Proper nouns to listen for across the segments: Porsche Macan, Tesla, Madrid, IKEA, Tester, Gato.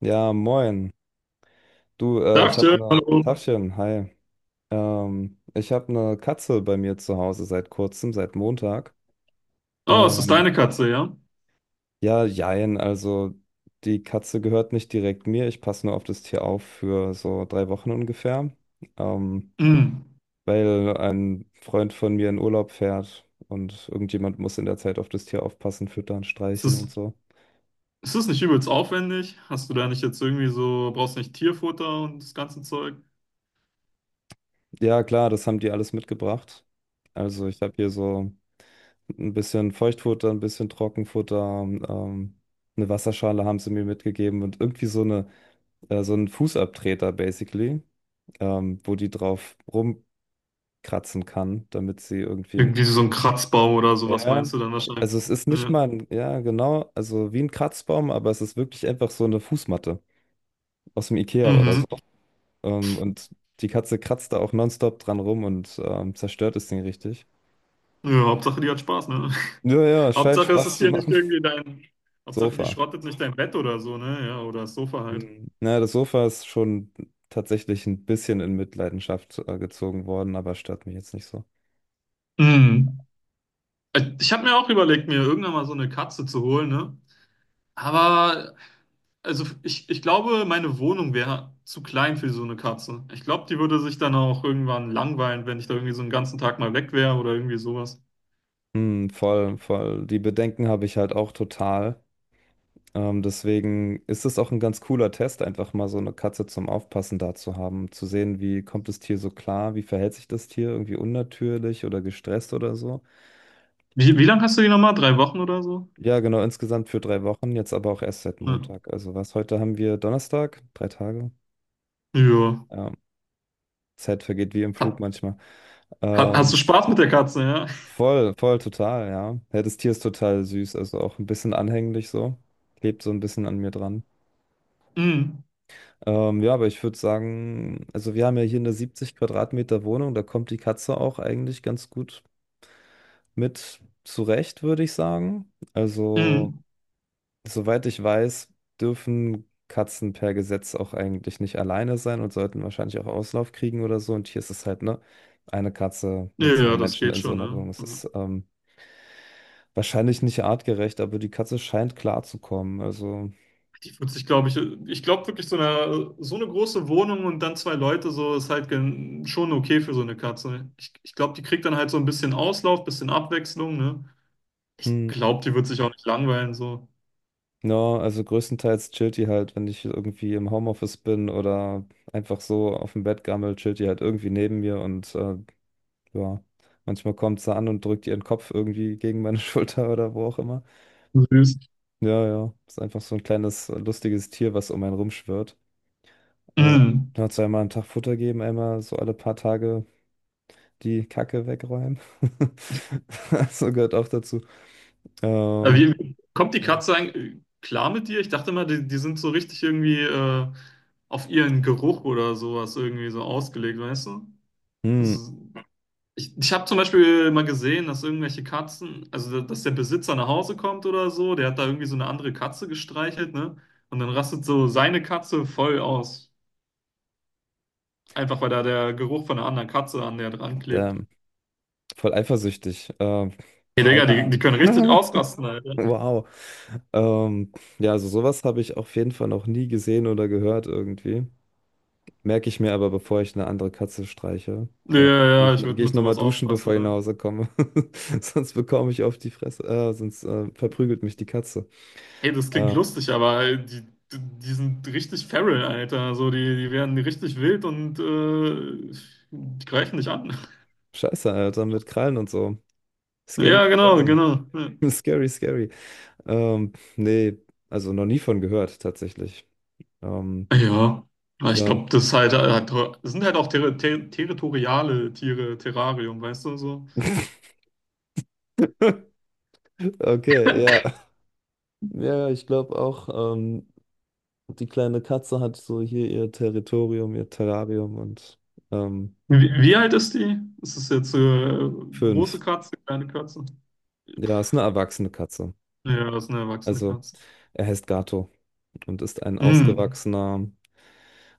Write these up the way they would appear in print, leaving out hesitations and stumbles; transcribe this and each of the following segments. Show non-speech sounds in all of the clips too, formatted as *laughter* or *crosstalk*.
Ja, moin. Du, ich habe Tagchen, eine hallo. Tachchen, hi. Ich habe eine Katze bei mir zu Hause seit kurzem, seit Montag. Oh, es ist Ähm, deine Katze, ja? ja, jein, also die Katze gehört nicht direkt mir. Ich passe nur auf das Tier auf für so 3 Wochen ungefähr, ähm, Mm. weil ein Freund von mir in Urlaub fährt und irgendjemand muss in der Zeit auf das Tier aufpassen, füttern, Ist streicheln das, und so. ist das nicht übelst aufwendig? Hast du da nicht jetzt irgendwie so, brauchst nicht Tierfutter und das ganze Zeug? Ja, klar, das haben die alles mitgebracht. Also ich habe hier so. Ein bisschen Feuchtfutter, ein bisschen Trockenfutter, ähm, eine Wasserschale haben sie mir mitgegeben und irgendwie so einen Fußabtreter basically, wo die drauf rumkratzen kann, damit sie irgendwie. Irgendwie so Also, ein Kratzbaum oder sowas ja, meinst du dann wahrscheinlich? also es ist nicht Ja. mal ein, ja, genau, also wie ein Kratzbaum, aber es ist wirklich einfach so eine Fußmatte aus dem IKEA oder Mhm. so. Und die Katze kratzt da auch nonstop dran rum und zerstört das Ding richtig. Ja, Hauptsache die hat Spaß, ne? Ja, ja, *laughs* scheint Hauptsache es ist Spaß zu hier nicht machen. irgendwie *laughs* dein, Hauptsache die Sofa. schrottet nicht dein Bett oder so, ne? Ja, oder das Sofa halt. Hm. Na, das Sofa ist schon tatsächlich ein bisschen in Mitleidenschaft gezogen worden, aber stört mich jetzt nicht so. Mm. Ich habe mir auch überlegt, mir irgendwann mal so eine Katze zu holen, ne? Aber also ich glaube, meine Wohnung wäre zu klein für so eine Katze. Ich glaube, die würde sich dann auch irgendwann langweilen, wenn ich da irgendwie so einen ganzen Tag mal weg wäre oder irgendwie sowas. Hm, voll, voll. Die Bedenken habe ich halt auch total. Deswegen ist es auch ein ganz cooler Test, einfach mal so eine Katze zum Aufpassen da zu haben, zu sehen, wie kommt das Tier so klar, wie verhält sich das Tier, irgendwie unnatürlich oder gestresst oder so. Wie lange hast du die nochmal? Drei Wochen oder so? Ja, genau, insgesamt für 3 Wochen, jetzt aber auch erst seit Ja. Montag. Also was, heute haben wir Donnerstag, 3 Tage. Ja. Ja, Zeit vergeht wie im Ha, Flug manchmal. Hast Ähm, du Spaß mit der Katze, ja? Voll voll, total, ja. Ja, das Tier ist total süß, also auch ein bisschen anhänglich so. Klebt so ein bisschen an mir dran. Mm, Ja, aber ich würde sagen, also wir haben ja hier eine 70 Quadratmeter Wohnung, da kommt die Katze auch eigentlich ganz gut mit zurecht, würde ich sagen. Also, mm. soweit ich weiß, dürfen Katzen per Gesetz auch eigentlich nicht alleine sein und sollten wahrscheinlich auch Auslauf kriegen oder so. Und hier ist es halt, ne, eine Katze Ja, mit zwei ja, das Menschen geht in so schon, einer ne? Wohnung. Es Also, ist wahrscheinlich nicht artgerecht, aber die Katze scheint klarzukommen. Also, die wird sich, glaube ich, ich glaube wirklich, so eine große Wohnung und dann zwei Leute, so ist halt gen- schon okay für so eine Katze. Ich glaube, die kriegt dann halt so ein bisschen Auslauf, bisschen Abwechslung, ne? Ich hm, glaube, die wird sich auch nicht langweilen, so ja, also größtenteils chillt die halt, wenn ich irgendwie im Homeoffice bin oder einfach so auf dem Bett gammel, chillt die halt irgendwie neben mir und ja, manchmal kommt sie an und drückt ihren Kopf irgendwie gegen meine *laughs* Schulter oder wo auch immer. süß. Ja, ja, ist einfach so ein kleines lustiges Tier, was um einen rumschwirrt. Äh, Mhm. ja, zweimal am Tag Futter geben, einmal so alle paar Tage die Kacke wegräumen. *laughs* So gehört auch dazu. Ähm, Kommt die ja. Katze eigentlich klar mit dir? Ich dachte mal, die sind so richtig irgendwie auf ihren Geruch oder sowas irgendwie so ausgelegt, weißt du? Hm, Also, ich habe zum Beispiel mal gesehen, dass irgendwelche Katzen, also dass der Besitzer nach Hause kommt oder so, der hat da irgendwie so eine andere Katze gestreichelt, ne? Und dann rastet so seine Katze voll aus. Einfach weil da der Geruch von einer anderen Katze an der dran klebt. ähm, voll eifersüchtig. Ähm, Hey, Digga, keine die Ahnung. können richtig *laughs* ausrasten, Alter. Wow. Ähm, ja, also sowas habe ich auf jeden Fall noch nie gesehen oder gehört irgendwie. Merke ich mir aber, bevor ich eine andere Katze streiche. Ja, Ja. ja, ja, ich Geh würde mit ich nochmal sowas duschen, bevor aufpassen, ich nach ne? Hause komme. *laughs* Sonst bekomme ich auf die Fresse. Sonst verprügelt mich die Katze. Hey, das klingt Äh, lustig, aber die sind richtig feral, Alter. Also die werden richtig wild und die greifen dich an. scheiße, Alter, mit Krallen und so. Scary, Ja, genau, scary. genau. Ja, *laughs* Scary, scary. Nee, also noch nie von gehört, tatsächlich. Ähm, ja. Aber ich ja. glaube, das sind halt auch ter ter territoriale Tiere, Terrarium, weißt du so. *laughs* Okay, ja. Ja, ja, ich glaube auch, die kleine Katze hat so hier ihr Territorium, ihr Terrarium und, ähm, Wie alt ist die? Ist es jetzt große 5. Katze, kleine Katze? Ja, ist eine erwachsene Katze. Ja, das ist eine erwachsene Also, Katze. er heißt Gato und ist ein Hm. ausgewachsener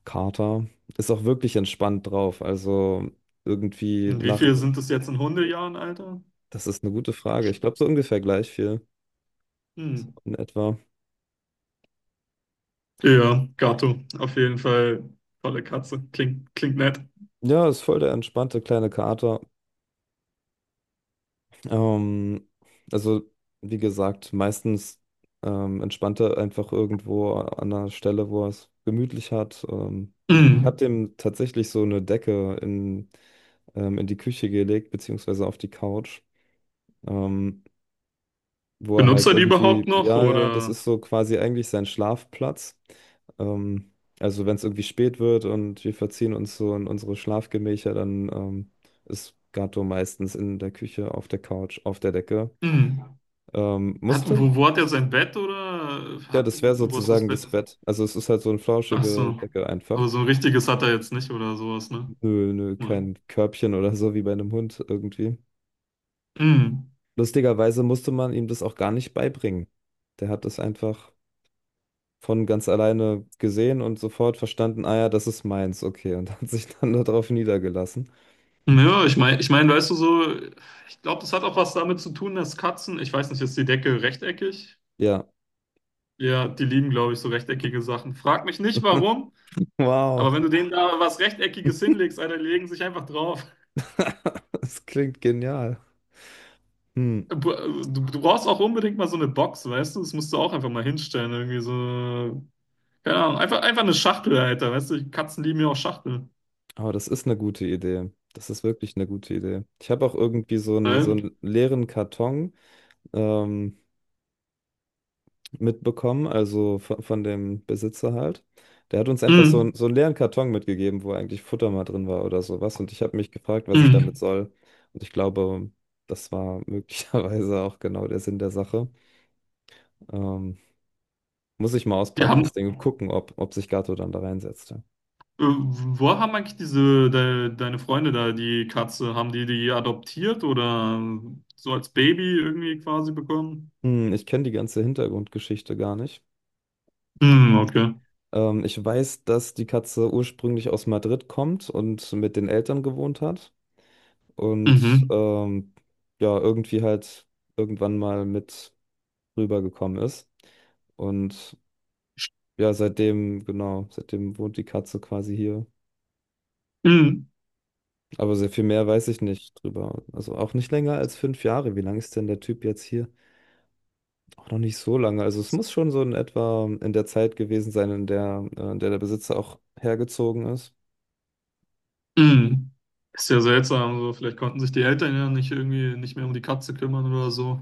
Kater. Ist auch wirklich entspannt drauf. Also, irgendwie Und wie nach. viel sind das jetzt in Hundejahren, Alter? Das ist eine gute Frage. Ich glaube, so ungefähr gleich viel. Hm. So in etwa. Ja, Gato, auf jeden Fall tolle Katze. Klingt nett. Ja, ist voll der entspannte kleine Kater. Ähm, also, wie gesagt, meistens entspannt er einfach irgendwo an einer Stelle, wo er es gemütlich hat. Ich habe Mm. dem tatsächlich so eine Decke in die Küche gelegt, beziehungsweise auf die Couch, ähm, wo er Benutzt halt er die überhaupt irgendwie, noch ja, ja, das oder? ist so quasi eigentlich sein Schlafplatz. Ähm, also, wenn es irgendwie spät wird und wir verziehen uns so in unsere Schlafgemächer, dann ist Gato meistens in der Küche, auf der Couch, auf der Decke. Mm. Ähm, musste? Wo hat er sein Bett Ja, das wäre wo ist das sozusagen Bett? das Bett. Also es ist halt so eine Ach flauschige so. Decke einfach. Aber so ein richtiges hat er jetzt nicht oder sowas, ne? Nö, nö, Nein. kein Körbchen oder so wie bei einem Hund irgendwie. Mm. Lustigerweise musste man ihm das auch gar nicht beibringen. Der hat das einfach von ganz alleine gesehen und sofort verstanden, ah ja, das ist meins, okay, und *laughs* hat sich dann darauf niedergelassen. Ja, ich meine, ich mein, weißt du, so ich glaube, das hat auch was damit zu tun, dass Katzen, ich weiß nicht, ist die Decke rechteckig? Ja, Ja, die lieben, glaube ich, so rechteckige Sachen. Frag mich nicht warum, aber wow, wenn du denen da was Rechteckiges hinlegst, Alter, die legen sich einfach drauf. *laughs* das klingt genial. Hm. Du, du brauchst auch unbedingt mal so eine Box, weißt du? Das musst du auch einfach mal hinstellen, irgendwie so. Keine Ahnung, einfach eine Schachtel, Alter, weißt du? Die Katzen lieben ja auch Schachteln. Aber das ist eine gute Idee. Das ist wirklich eine gute Idee. Ich habe auch irgendwie so einen, so Weil- einen leeren Karton. ähm, mitbekommen, also von dem Besitzer halt. Der hat uns einfach so, mm, so einen leeren Karton mitgegeben, wo eigentlich Futter mal drin war oder sowas. Und ich habe mich gefragt, was ich damit mm. soll. Und ich glaube, das war *laughs* möglicherweise auch genau der Sinn der Sache. Ähm, muss ich mal Die auspacken, haben, das Ding, und gucken, ob sich Gato dann da reinsetzt. Ja. wo haben eigentlich deine Freunde da, die Katze, haben die die adoptiert oder so als Baby irgendwie quasi bekommen? Hm, ich kenne die ganze Hintergrundgeschichte gar nicht. Mm, okay. Ich weiß, dass die Katze ursprünglich aus Madrid kommt und mit den Eltern gewohnt hat. Und Mhm. Ja, irgendwie halt irgendwann mal mit rübergekommen ist. Und ja, seitdem, genau, seitdem wohnt die Katze quasi hier. Mm, Aber sehr viel mehr weiß ich nicht drüber. Also auch nicht länger als 5 Jahre. Wie lange ist denn der Typ jetzt hier? Auch noch nicht so lange. Also es muss schon so in etwa in der Zeit gewesen sein, in der der Besitzer auch hergezogen ist. mm. Ist ja seltsam, so. Vielleicht konnten sich die Eltern ja nicht irgendwie nicht mehr um die Katze kümmern oder so.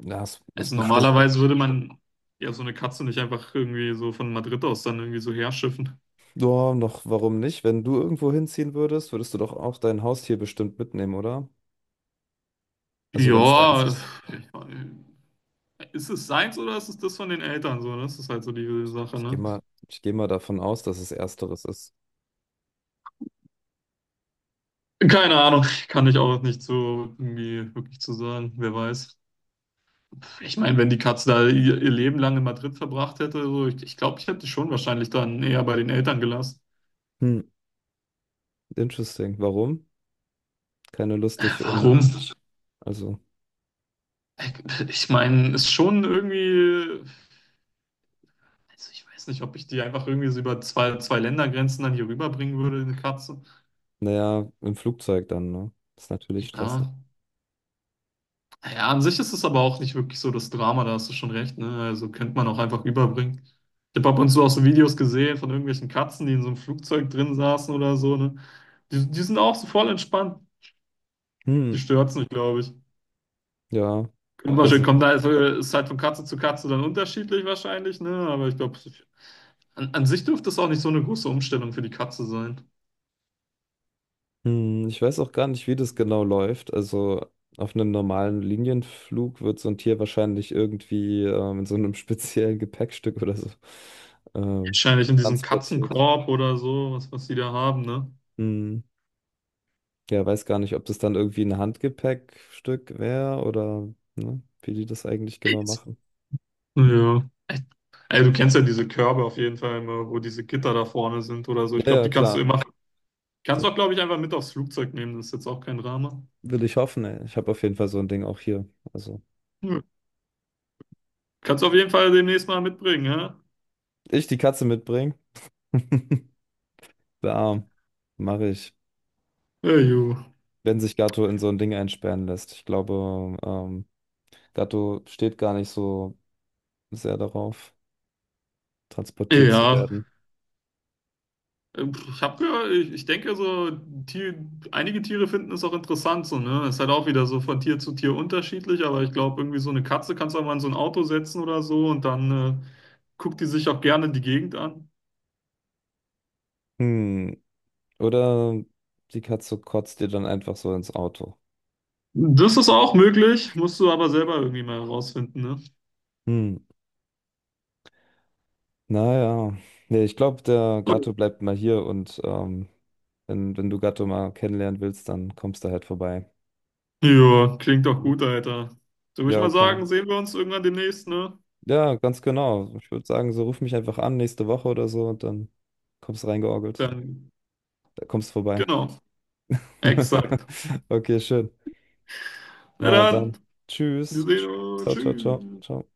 Ja, es ist Also gar nicht. bestimmt auch. Normalerweise komisch, würde man ja so eine Katze nicht einfach irgendwie so von Madrid aus dann irgendwie so herschiffen. Ja, noch, warum nicht? Wenn du irgendwo hinziehen würdest, würdest du doch auch dein Haustier bestimmt mitnehmen, oder? Also wenn es Ja, deins also, ist. äh, *laughs* ist es seins oder ist es das von den Eltern so, ne? Das ist halt so die Sache, Ich gehe ne? mal, ich gehe mal davon aus, dass es ersteres ist. Keine Ahnung, *laughs* kann ich auch nicht so irgendwie wirklich zu sagen, wer weiß. Ich meine, wenn die Katze da ihr Leben lang in Madrid verbracht hätte, so, ich glaube, ich hätte die schon wahrscheinlich dann eher bei den Eltern gelassen. Hm, interesting. Warum? Keine Lust, dich um, Warum? also, Ich meine, ist schon irgendwie. Also ich weiß nicht, ob ich die einfach irgendwie so über zwei Ländergrenzen dann hier rüberbringen würde, eine Katze. naja, im Flugzeug dann, ne? Ist natürlich stressig. Ja. Ja, an sich ist es aber auch nicht wirklich so das Drama, da hast du schon recht, ne? Also könnte man auch einfach rüberbringen. Ich habe ab und zu auch so Videos gesehen von irgendwelchen Katzen, die in so einem Flugzeug drin saßen oder so, ne? Die sind auch so voll entspannt. Hm, Die stört's nicht, glaube ich. ja. Also, Kommt halt, ist halt von Katze zu Katze dann unterschiedlich wahrscheinlich, ne? Aber ich glaube, an sich dürfte es auch nicht so eine große Umstellung für die Katze sein. Ich weiß auch gar nicht, wie das genau läuft. Also, auf einem normalen Linienflug wird so ein Tier wahrscheinlich irgendwie in so einem *laughs* speziellen Gepäckstück oder so ähm, Wahrscheinlich in diesem transportiert. Katzenkorb oder so, was die da haben, ne? Hm. Ja, weiß gar nicht, ob das dann irgendwie ein Handgepäckstück wäre oder ne, wie die das eigentlich genau Jetzt. machen. Ja. Ey, du kennst ja diese Körbe auf jeden Fall immer, wo diese Gitter da vorne sind oder so. Ich Ja, glaube, ja, die kannst du klar. immer, kannst Ja, du auch, glaube ich, einfach mit aufs Flugzeug nehmen. Das ist jetzt auch kein Drama. will ich hoffen, ey. Ich habe auf jeden Fall so ein Ding auch hier. Also, Ja. Kannst du auf jeden Fall demnächst mal mitbringen, ja? ich die Katze mitbringen. *laughs* Der Arm. Mache ich. Ja, ju. Wenn sich Gatto in so ein Ding einsperren lässt. Ich glaube, Gatto steht gar nicht so sehr darauf, transportiert zu Ja. werden. Ich hab gehört, ich denke so, Tier, einige Tiere finden es auch interessant so, ne? Ist halt auch wieder so von Tier zu Tier unterschiedlich, aber ich glaube, irgendwie so eine Katze kannst du auch mal in so ein Auto setzen oder so und dann äh, guckt die sich auch gerne die Gegend an. Hm. Oder die Katze kotzt dir dann einfach so ins Auto. Das ist auch möglich, musst du aber selber irgendwie mal herausfinden, ne? Hm. Naja, nee, ich glaube, der Gato bleibt mal hier und wenn du Gato mal kennenlernen willst, dann kommst du halt vorbei. Ja, klingt doch Ja. gut, Alter. So würde ich Ja, mal keine sagen, Ahnung. sehen wir uns irgendwann demnächst, ne? Ja, ganz genau. Ich würde sagen, so ruf mich einfach an nächste Woche oder so und dann kommst du reingeorgelt. Dann, Da kommst du vorbei. genau, exakt. *laughs* Okay, schön. Na Na dann. dann, wir Tschüss. sehen uns. Ciao, ciao, ciao, Tschüss. ciao.